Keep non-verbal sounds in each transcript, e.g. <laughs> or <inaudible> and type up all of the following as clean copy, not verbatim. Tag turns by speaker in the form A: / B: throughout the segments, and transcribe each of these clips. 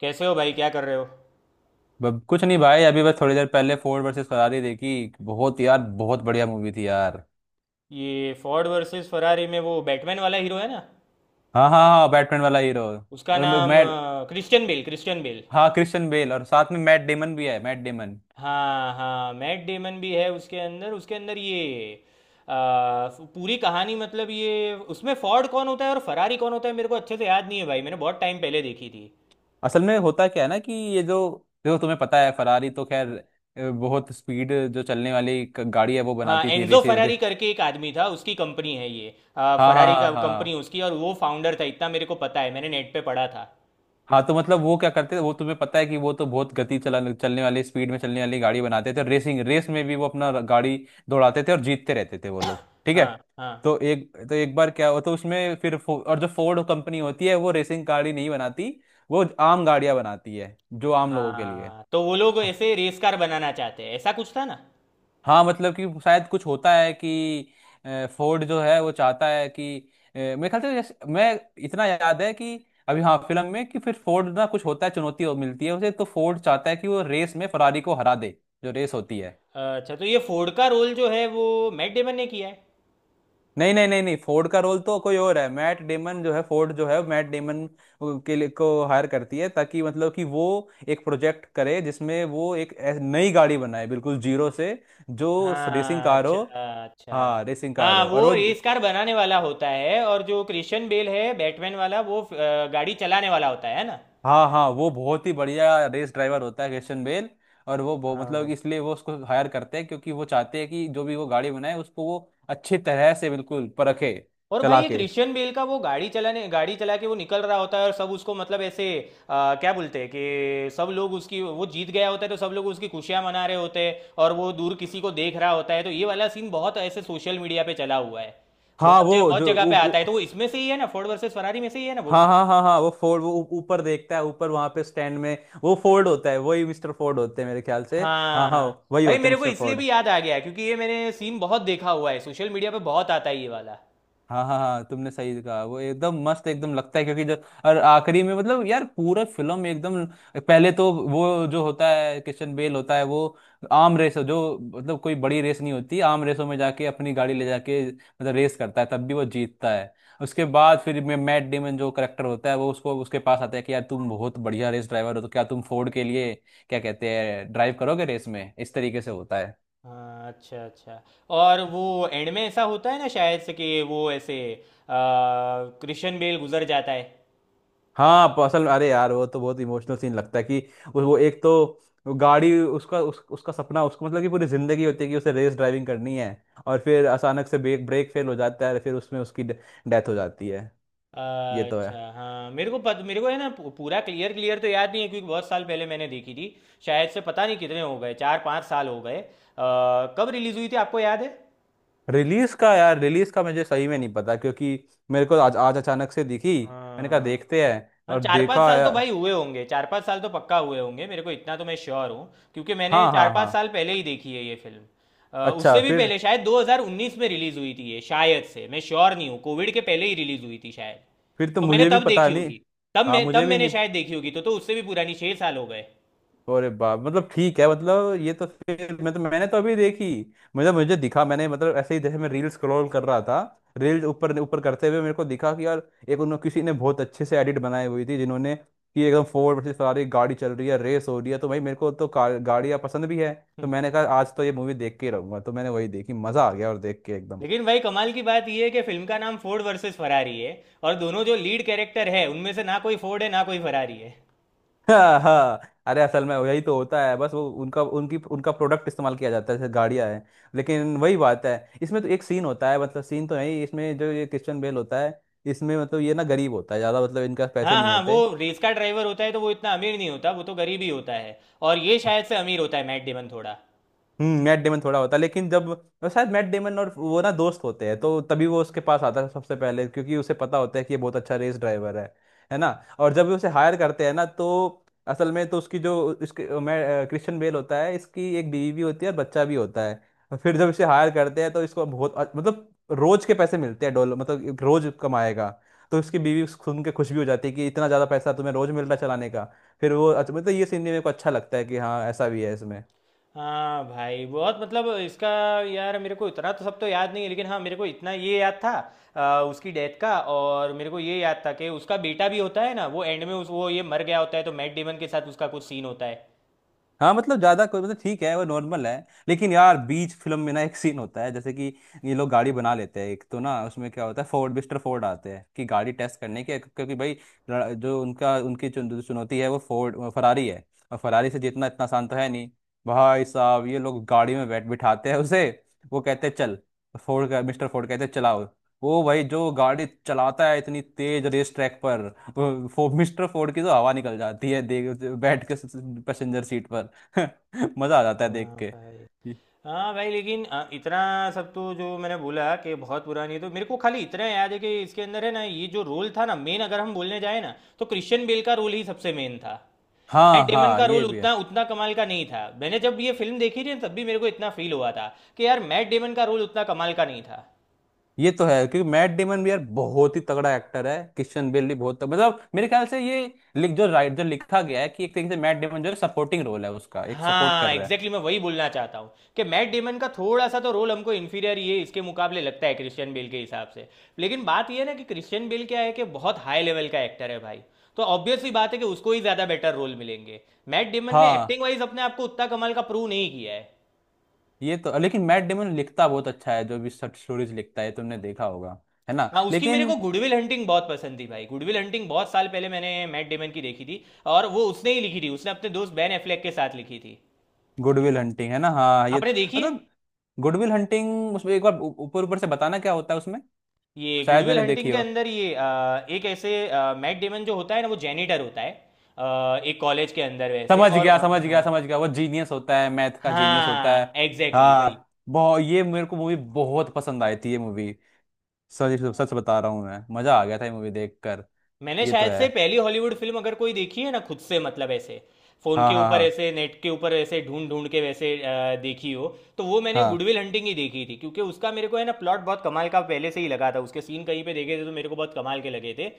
A: कैसे हो भाई? क्या कर रहे हो?
B: कुछ नहीं भाई। अभी बस थोड़ी देर पहले फोर्ड वर्सेस फरारी देखी। बहुत यार, बहुत बढ़िया मूवी थी यार।
A: ये फोर्ड वर्सेस फरारी में वो बैटमैन वाला हीरो है ना।
B: हाँ हाँ हाँ, बैटमैन वाला हीरो
A: उसका
B: और
A: नाम
B: mat.
A: Christian Bale Christian Bale.
B: हाँ, क्रिश्चियन बेल, और साथ में मैट डेमन भी है, मैट डेमन।
A: हाँ हाँ, मैट डेमन भी है उसके अंदर। ये अ, पूरी कहानी मतलब ये उसमें फोर्ड कौन होता है और फरारी कौन होता है मेरे को अच्छे से याद नहीं है भाई। मैंने बहुत टाइम पहले देखी थी।
B: असल में होता क्या है ना कि ये जो जो तुम्हें पता है फरारी तो खैर बहुत स्पीड जो चलने वाली गाड़ी है वो
A: हाँ,
B: बनाती थी
A: एनजो फरारी करके एक आदमी था, उसकी कंपनी है ये।
B: हाँ हाँ
A: फरारी का
B: हाँ
A: कंपनी
B: हाँ।
A: उसकी, और वो फाउंडर था, इतना मेरे को पता है। मैंने नेट पे पढ़ा था।
B: हाँ तो मतलब वो क्या करते थे वो तुम्हें पता है कि वो तो बहुत गति चला चलने वाली, स्पीड में चलने वाली गाड़ी बनाते थे, और रेसिंग रेस में भी वो अपना गाड़ी दौड़ाते थे और जीतते रहते थे वो लोग, ठीक है।
A: हाँ हाँ
B: तो एक बार क्या हुआ तो उसमें फिर और जो फोर्ड कंपनी होती है वो रेसिंग गाड़ी नहीं बनाती। वो आम गाड़ियां बनाती है, जो आम लोगों के लिए।
A: हाँ, तो वो लोग ऐसे रेस कार बनाना चाहते हैं, ऐसा कुछ था ना।
B: हाँ मतलब कि शायद कुछ होता है कि फोर्ड जो है वो चाहता है कि मेरे ख्याल से, जैसे मैं इतना याद है कि अभी हाँ फिल्म में कि फिर फोर्ड ना कुछ होता है, चुनौती मिलती है उसे, तो फोर्ड चाहता है कि वो रेस में फरारी को हरा दे, जो रेस होती है।
A: अच्छा, तो ये फोर्ड का रोल जो है वो मैट डेमन ने किया है।
B: नहीं नहीं नहीं नहीं, फोर्ड का रोल तो कोई और है। मैट डेमन जो है, फोर्ड जो है मैट डेमन के लिए को हायर करती है, ताकि मतलब कि वो एक प्रोजेक्ट करे जिसमें वो एक नई गाड़ी बनाए, बिल्कुल जीरो से, जो रेसिंग
A: हाँ,
B: कार
A: अच्छा।
B: हो।
A: अच्छा।
B: हाँ, रेसिंग कार
A: हाँ,
B: हो और
A: वो
B: वो।
A: रेस कार बनाने वाला होता है और जो क्रिश्चियन बेल है बैटमैन वाला वो गाड़ी चलाने वाला होता है ना।
B: हाँ हाँ, वो बहुत ही बढ़िया रेस ड्राइवर होता है क्रिश्चियन बेल, और वो
A: हाँ भाई,
B: मतलब इसलिए वो उसको हायर करते हैं, क्योंकि वो चाहते हैं कि जो भी वो गाड़ी बनाए उसको वो अच्छी तरह से बिल्कुल परखे।
A: और भाई
B: चला
A: ये
B: के।
A: क्रिश्चियन बेल का वो गाड़ी चला के वो निकल रहा होता है और सब उसको मतलब ऐसे क्या बोलते हैं, कि सब लोग उसकी, वो जीत गया होता है तो सब लोग उसकी खुशियां मना रहे होते हैं और वो दूर किसी को देख रहा होता है, तो ये वाला सीन बहुत ऐसे सोशल मीडिया पे चला हुआ है।
B: हाँ वो
A: बहुत
B: जो
A: जगह
B: उ,
A: पे आता है,
B: उ,
A: तो वो इसमें से ही है ना, फोर्ड वर्सेस फरारी में से ही है ना वो
B: हाँ
A: सीन।
B: हाँ हाँ हाँ, वो फोर्ड वो ऊपर देखता है, ऊपर वहां पे स्टैंड में, वो फोर्ड होता है, वही मिस्टर फोर्ड होते हैं मेरे ख्याल से। हाँ हाँ,
A: हाँ
B: वही
A: भाई,
B: होते हैं
A: मेरे को
B: मिस्टर
A: इसलिए
B: फोर्ड।
A: भी याद आ गया क्योंकि ये मैंने सीन बहुत देखा हुआ है, सोशल मीडिया पे बहुत आता है ये वाला।
B: हाँ हाँ हाँ, तुमने सही कहा, वो एकदम मस्त एकदम लगता है क्योंकि जो, और आखिरी में मतलब यार पूरा फिल्म एकदम। पहले तो वो जो होता है किशन बेल होता है, वो आर्म रेस जो, मतलब कोई बड़ी रेस नहीं होती, आर्म रेसों में जाके अपनी गाड़ी ले जाके मतलब रेस करता है, तब भी वो जीतता है। उसके बाद फिर मैं मैट डेमन जो करेक्टर होता है वो उसको उसके पास आता है कि यार तुम बहुत बढ़िया रेस ड्राइवर हो, तो क्या तुम फोर्ड के लिए क्या कहते हैं ड्राइव करोगे रेस में, इस तरीके से होता।
A: हाँ, अच्छा अच्छा। और वो एंड में ऐसा होता है ना शायद से, कि वो ऐसे क्रिश्चियन बेल गुजर जाता है।
B: हाँ असल अरे यार, वो तो बहुत इमोशनल सीन लगता है कि वो एक तो वो गाड़ी उसका उसका सपना उसको मतलब कि पूरी जिंदगी होती है कि उसे रेस ड्राइविंग करनी है, और फिर अचानक से ब्रेक ब्रेक फेल हो जाता है, फिर उसमें उसकी डेथ हो जाती है। ये तो है।
A: अच्छा, हाँ मेरे को मेरे को है ना पूरा क्लियर क्लियर तो याद नहीं है क्योंकि बहुत साल पहले मैंने देखी थी। शायद से पता नहीं कितने हो गए, 4-5 साल हो गए। कब रिलीज हुई थी आपको याद है?
B: रिलीज का यार, रिलीज का मुझे सही में नहीं पता, क्योंकि मेरे को आज आज अचानक से दिखी। मैंने कहा
A: हाँ
B: देखते हैं,
A: हाँ,
B: और
A: चार पाँच
B: देखा
A: साल तो
B: यार।
A: भाई हुए होंगे, 4-5 साल तो पक्का हुए होंगे, मेरे को इतना तो मैं श्योर हूँ। क्योंकि मैंने
B: हाँ
A: चार
B: हाँ
A: पाँच
B: हाँ।
A: साल पहले ही देखी है ये फिल्म।
B: अच्छा
A: उससे भी
B: फिर
A: पहले शायद 2019 में रिलीज हुई थी ये, शायद से मैं श्योर नहीं हूँ, कोविड के पहले ही रिलीज हुई थी शायद।
B: फिर तो
A: तो मैंने
B: मुझे भी
A: तब
B: पता
A: देखी
B: नहीं।
A: होगी।
B: हाँ,
A: तब
B: मुझे भी
A: मैंने
B: नहीं।
A: शायद देखी होगी, तो उससे भी पुरानी, 6 साल हो गए।
B: अरे बाप, मतलब ठीक है, मतलब ये तो फिर मैं तो मैंने तो अभी देखी। मतलब मुझे दिखा, मैंने मतलब ऐसे ही, जैसे मैं रील स्क्रॉल कर रहा था, रील ऊपर ऊपर करते हुए मेरे को दिखा कि यार एक उन्होंने किसी ने बहुत अच्छे से एडिट बनाई हुई थी जिन्होंने, कि एकदम फोर्ड वर्सेस फरारी गाड़ी चल रही है, रेस हो रही है, तो भाई मेरे को तो कार गाड़ियाँ पसंद भी है, तो
A: हम्म।
B: मैंने कहा आज तो ये मूवी देख के ही रहूंगा, तो मैंने वही देखी, मजा आ गया और देख के एकदम।
A: लेकिन भाई कमाल की बात यह है कि फिल्म का नाम फोर्ड वर्सेस फरारी है, और दोनों जो लीड कैरेक्टर है उनमें से ना कोई फोर्ड है ना कोई फरारी है।
B: हाँ हाँ। अरे असल में यही तो होता है, बस वो उनका उनकी उनका प्रोडक्ट इस्तेमाल किया जाता है जैसे गाड़ियाँ हैं, लेकिन वही बात है। इसमें तो एक सीन होता है, मतलब सीन तो नहीं, इसमें जो ये क्रिश्चियन बेल होता है, इसमें मतलब ये ना गरीब होता है ज़्यादा, मतलब इनका पैसे
A: हाँ
B: नहीं
A: हाँ, वो
B: होते।
A: रेस का ड्राइवर होता है तो वो इतना अमीर नहीं होता, वो तो गरीब ही होता है। और ये शायद से अमीर होता है मैट डेमन थोड़ा।
B: हम्म, मैट डेमन थोड़ा होता है लेकिन जब, और शायद मैट डेमन और वो ना दोस्त होते हैं, तो तभी वो उसके पास आता है सबसे पहले, क्योंकि उसे पता होता है कि ये बहुत अच्छा रेस ड्राइवर है ना। और जब भी उसे हायर करते हैं ना, तो असल में तो उसकी जो उसके मैं क्रिश्चियन बेल होता है, इसकी एक बीवी भी होती है और बच्चा भी होता है। और फिर जब इसे हायर करते हैं तो इसको बहुत मतलब रोज के पैसे मिलते हैं डॉलर, मतलब एक रोज कमाएगा, तो इसकी बीवी सुन के खुश भी हो जाती है कि इतना ज़्यादा पैसा तुम्हें रोज मिल रहा है चलाने का, फिर वो अच्छा, मतलब ये सीन भी मेरे को अच्छा लगता है कि हाँ ऐसा भी है इसमें।
A: हाँ भाई, बहुत मतलब इसका। यार मेरे को इतना तो सब तो याद नहीं है लेकिन हाँ, मेरे को इतना ये याद था उसकी डेथ का। और मेरे को ये याद था कि उसका बेटा भी होता है ना, वो एंड में उस वो ये मर गया होता है तो मैट डेमन के साथ उसका कुछ सीन होता है।
B: हाँ मतलब ज्यादा कोई मतलब ठीक है, वो नॉर्मल है, लेकिन यार बीच फिल्म में ना एक सीन होता है, जैसे कि ये लोग गाड़ी बना लेते हैं एक तो, ना उसमें क्या होता है, फोर्ड मिस्टर फोर्ड आते हैं कि गाड़ी टेस्ट करने के, क्योंकि भाई जो उनका उनकी जो चुनौती है वो फोर्ड फरारी है, और फरारी से जीतना इतना आसान तो है नहीं। भाई साहब, ये लोग गाड़ी में बैठ बिठाते हैं उसे, वो कहते हैं चल, फोर्ड का मिस्टर फोर्ड कहते हैं चलाओ, वो भाई जो गाड़ी चलाता है इतनी तेज रेस ट्रैक पर, मिस्टर फोर्ड की तो हवा निकल जाती है देख, बैठ के, पैसेंजर सीट पर। <laughs> मजा आ जाता है देख
A: हाँ
B: के।
A: भाई।
B: ये-
A: हाँ भाई लेकिन इतना सब तो जो मैंने बोला कि बहुत पुरानी है, तो मेरे को खाली इतना याद है कि इसके अंदर है ना ये जो रोल था ना मेन, अगर हम बोलने जाए ना तो क्रिश्चियन बेल का रोल ही सबसे मेन था। मैट
B: हाँ
A: डेमन
B: हाँ,
A: का
B: ये
A: रोल
B: भी है।
A: उतना उतना कमाल का नहीं था। मैंने जब ये फिल्म देखी थी ना, तब भी मेरे को इतना फील हुआ था कि यार, मैट डेमन का रोल उतना कमाल का नहीं था।
B: ये तो है, क्योंकि मैट डेमन भी यार बहुत ही तगड़ा एक्टर है, किशन बेल भी बहुत तगड़ा, मतलब मेरे ख्याल से ये लिख जो राइट जो लिखा गया है कि एक तरीके से मैट डेमन जो है सपोर्टिंग रोल है उसका, एक सपोर्ट कर
A: हाँ एग्जैक्टली
B: रहा है।
A: exactly मैं वही बोलना चाहता हूँ कि मैट डेमन का थोड़ा सा तो रोल हमको इन्फीरियर ये इसके मुकाबले लगता है, क्रिश्चियन बेल के हिसाब से। लेकिन बात ये है ना कि क्रिश्चियन बेल क्या है, कि बहुत हाई लेवल का एक्टर है भाई। तो ऑब्वियसली बात है कि उसको ही ज़्यादा बेटर रोल मिलेंगे। मैट डेमन ने
B: हाँ
A: एक्टिंग वाइज अपने आप को उतना कमाल का प्रूव नहीं किया है।
B: ये तो, लेकिन मैट डेमन लिखता बहुत अच्छा है, जो भी शॉर्ट स्टोरीज लिखता है, तुमने देखा होगा, है ना,
A: हाँ, उसकी मेरे
B: लेकिन।
A: को गुडविल हंटिंग बहुत पसंद थी भाई। गुडविल हंटिंग बहुत साल पहले मैंने मैट डेमन की देखी थी। और वो उसने ही लिखी थी, उसने अपने दोस्त बैन एफ्लेक के साथ लिखी थी।
B: गुडविल हंटिंग, है ना, हाँ ये
A: आपने
B: तो
A: देखी है?
B: मतलब। गुडविल हंटिंग उसमें एक बार ऊपर ऊपर से बताना क्या होता है उसमें,
A: ये
B: शायद
A: गुडविल
B: मैंने
A: हंटिंग
B: देखी
A: के
B: हो।
A: अंदर ये एक ऐसे मैट डेमन जो होता है ना वो जेनिटर होता है। एक कॉलेज के अंदर वैसे
B: समझ गया समझ गया
A: हाँ।
B: समझ गया, वो जीनियस होता है, मैथ का जीनियस होता है।
A: हाँ एग्जैक्टली भाई।
B: हाँ। बहुत ये मेरे को मूवी बहुत पसंद आई थी ये मूवी, सच सच बता रहा हूँ मैं, मजा आ गया था ये मूवी देखकर।
A: मैंने
B: ये तो
A: शायद
B: है।
A: से पहली हॉलीवुड फिल्म अगर कोई देखी है ना खुद से, मतलब ऐसे फोन
B: हाँ
A: के
B: हाँ
A: ऊपर,
B: हाँ
A: ऐसे नेट के ऊपर ऐसे ढूंढ ढूंढ के वैसे देखी हो, तो वो मैंने गुडविल हंटिंग ही देखी थी, क्योंकि उसका मेरे को है ना प्लॉट बहुत कमाल का पहले से ही लगा था, उसके सीन कहीं पे देखे थे तो मेरे को बहुत कमाल के लगे थे।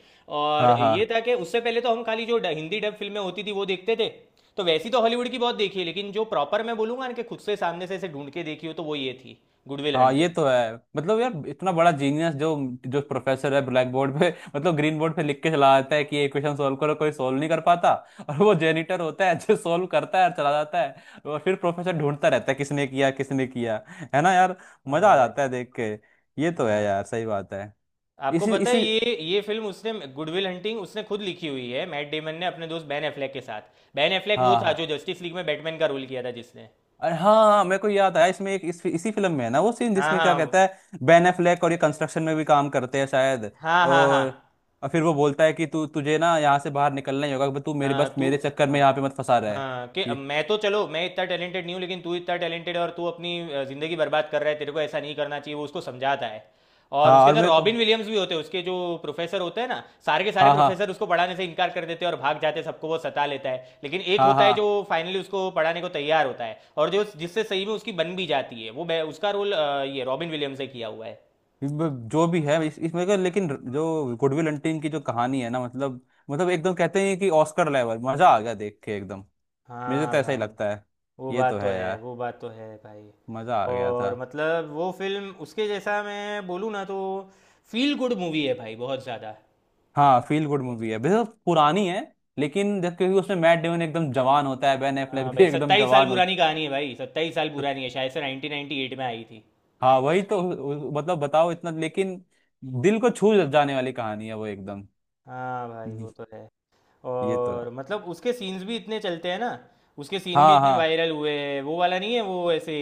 A: और
B: हाँ हाँ
A: ये
B: हाँ
A: था कि उससे पहले तो हम खाली जो हिंदी डब फिल्में होती थी वो देखते थे। तो वैसी तो हॉलीवुड की बहुत देखी है, लेकिन जो प्रॉपर मैं बोलूंगा ना कि खुद से सामने से ऐसे ढूंढ के देखी हो, तो वो ये थी गुडविल
B: हाँ। ये
A: हंटिंग।
B: तो है, मतलब यार इतना बड़ा जीनियस, जो जो प्रोफेसर है ब्लैक बोर्ड पे <laughs> मतलब ग्रीन बोर्ड पे लिख के चला जाता है कि ये इक्वेशन सोल्व करो, कोई सोल्व नहीं कर पाता <laughs> और वो जेनिटर होता है जो सोल्व करता है और चला जाता है, और फिर प्रोफेसर ढूंढता रहता है किसने किया किसने किया, है ना यार।
A: हाँ
B: मजा आ
A: भाई।
B: जाता है देख के। ये तो है
A: हाँ,
B: यार, सही बात है।
A: आपको
B: इसी
A: पता है
B: इसी।
A: ये फिल्म उसने, गुडविल हंटिंग, उसने खुद लिखी हुई है, मैट डेमन ने अपने दोस्त बैन एफ्लेक के साथ। बैन एफ्लेक वो
B: हाँ
A: था
B: हाँ।
A: जो जस्टिस लीग में बैटमैन का रोल किया था जिसने।
B: अरे हाँ हाँ, मेरे को याद आया इसमें एक इसी फिल्म में है ना वो सीन
A: हाँ
B: जिसमें क्या
A: हाँ
B: कहता है बेन एफ्लेक, और ये कंस्ट्रक्शन में भी काम करते हैं शायद,
A: हाँ हाँ हाँ
B: और, और फिर वो बोलता है कि तू तुझे ना यहाँ से बाहर निकलना ही होगा, तू मेरे
A: हाँ
B: बस
A: तू।
B: मेरे चक्कर में
A: हाँ
B: यहाँ पे मत फंसा रहा है,
A: हाँ, कि अब
B: ये।
A: मैं तो, चलो मैं इतना टैलेंटेड नहीं हूँ लेकिन तू इतना टैलेंटेड है, और तू अपनी ज़िंदगी बर्बाद कर रहा है, तेरे को ऐसा नहीं करना चाहिए, वो उसको समझाता है। और
B: हाँ
A: उसके
B: और
A: अंदर
B: मेरे को।
A: रॉबिन विलियम्स भी होते हैं, उसके जो प्रोफेसर होते हैं ना, सारे के सारे
B: हाँ हाँ
A: प्रोफेसर उसको पढ़ाने से इनकार कर देते हैं और भाग जाते हैं, सबको वो सता लेता है, लेकिन एक
B: हाँ
A: होता है
B: हाँ।
A: जो फाइनली उसको पढ़ाने को तैयार होता है, और जो जिससे सही में उसकी बन भी जाती है वो उसका रोल ये रॉबिन विलियम्स ने किया हुआ है।
B: जो भी है इसमें का, लेकिन जो गुडविल हंटिंग की जो कहानी है ना, मतलब मतलब एकदम कहते हैं कि ऑस्कर लेवल, मजा आ गया देख के एकदम। मुझे
A: हाँ
B: तो ऐसा ही
A: भाई,
B: लगता है।
A: वो
B: ये
A: बात
B: तो
A: तो
B: है
A: है,
B: यार।
A: वो बात तो है भाई।
B: मजा आ गया था।
A: और मतलब वो फिल्म, उसके जैसा मैं बोलूँ ना तो फील गुड मूवी है भाई, बहुत ज़्यादा।
B: हाँ फील गुड मूवी है, वैसे तो पुरानी है, लेकिन जब क्योंकि उसमें मैट डेमन एकदम जवान होता है, बेन एफ्लेक
A: हाँ
B: भी
A: भाई,
B: एकदम
A: 27 साल
B: जवान होता
A: पुरानी कहानी है भाई, 27 साल
B: है।
A: पुरानी है। शायद से 1998 में आई थी।
B: हाँ वही तो। मतलब बताओ इतना, लेकिन दिल को छू जाने वाली कहानी है वो एकदम।
A: हाँ भाई, वो तो है।
B: ये तो
A: और
B: है।
A: मतलब उसके सीन्स भी इतने चलते हैं ना। उसके सीन भी इतने
B: हाँ
A: वायरल हुए हैं, वो वाला नहीं है, वो ऐसे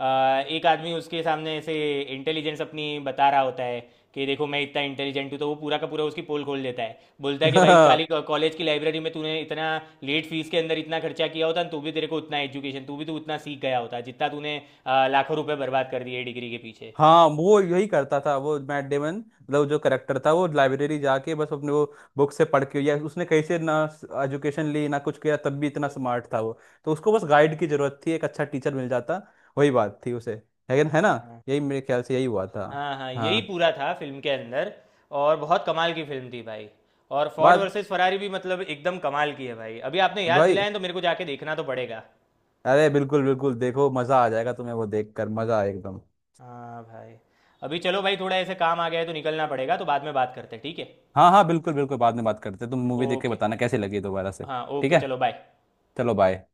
A: एक आदमी उसके सामने ऐसे इंटेलिजेंस अपनी बता रहा होता है। कि देखो मैं इतना इंटेलिजेंट हूँ, तो वो पूरा का पूरा उसकी पोल खोल देता है, बोलता है कि भाई खाली
B: हाँ। <laughs>
A: कॉलेज की लाइब्रेरी में तूने इतना लेट फीस के अंदर इतना खर्चा किया होता ना, तो भी तेरे को उतना एजुकेशन तू उतना सीख गया होता, जितना तूने लाखों रुपए बर्बाद कर दिए डिग्री के पीछे।
B: हाँ वो यही करता था, वो मैट डेमन मतलब जो करेक्टर था वो लाइब्रेरी जाके बस अपने वो बुक से पढ़ के, या उसने कहीं से ना एजुकेशन ली ना कुछ किया, तब भी इतना स्मार्ट था वो, तो उसको बस गाइड की जरूरत थी, एक अच्छा टीचर मिल जाता, वही बात थी उसे, लेकिन है ना, यही मेरे ख्याल से यही हुआ था।
A: हाँ हाँ, यही
B: हाँ।
A: पूरा था फिल्म के अंदर। और बहुत कमाल की फिल्म थी भाई। और फोर्ड
B: बात।
A: वर्सेस फरारी भी मतलब एकदम कमाल की है भाई, अभी आपने याद
B: भाई।
A: दिलाया है तो मेरे को जाके देखना तो पड़ेगा।
B: अरे बिल्कुल बिल्कुल, देखो मजा आ जाएगा तुम्हें, वो देख कर मजा आए एकदम।
A: हाँ भाई। अभी चलो भाई, थोड़ा ऐसे काम आ गया है तो निकलना पड़ेगा, तो बाद में बात करते हैं ठीक है?
B: हाँ हाँ बिल्कुल बिल्कुल, बाद में बात करते हैं। तुम मूवी देख के
A: ओके।
B: बताना कैसी लगी दोबारा से।
A: हाँ
B: ठीक
A: ओके,
B: है,
A: चलो बाय।
B: चलो बाय।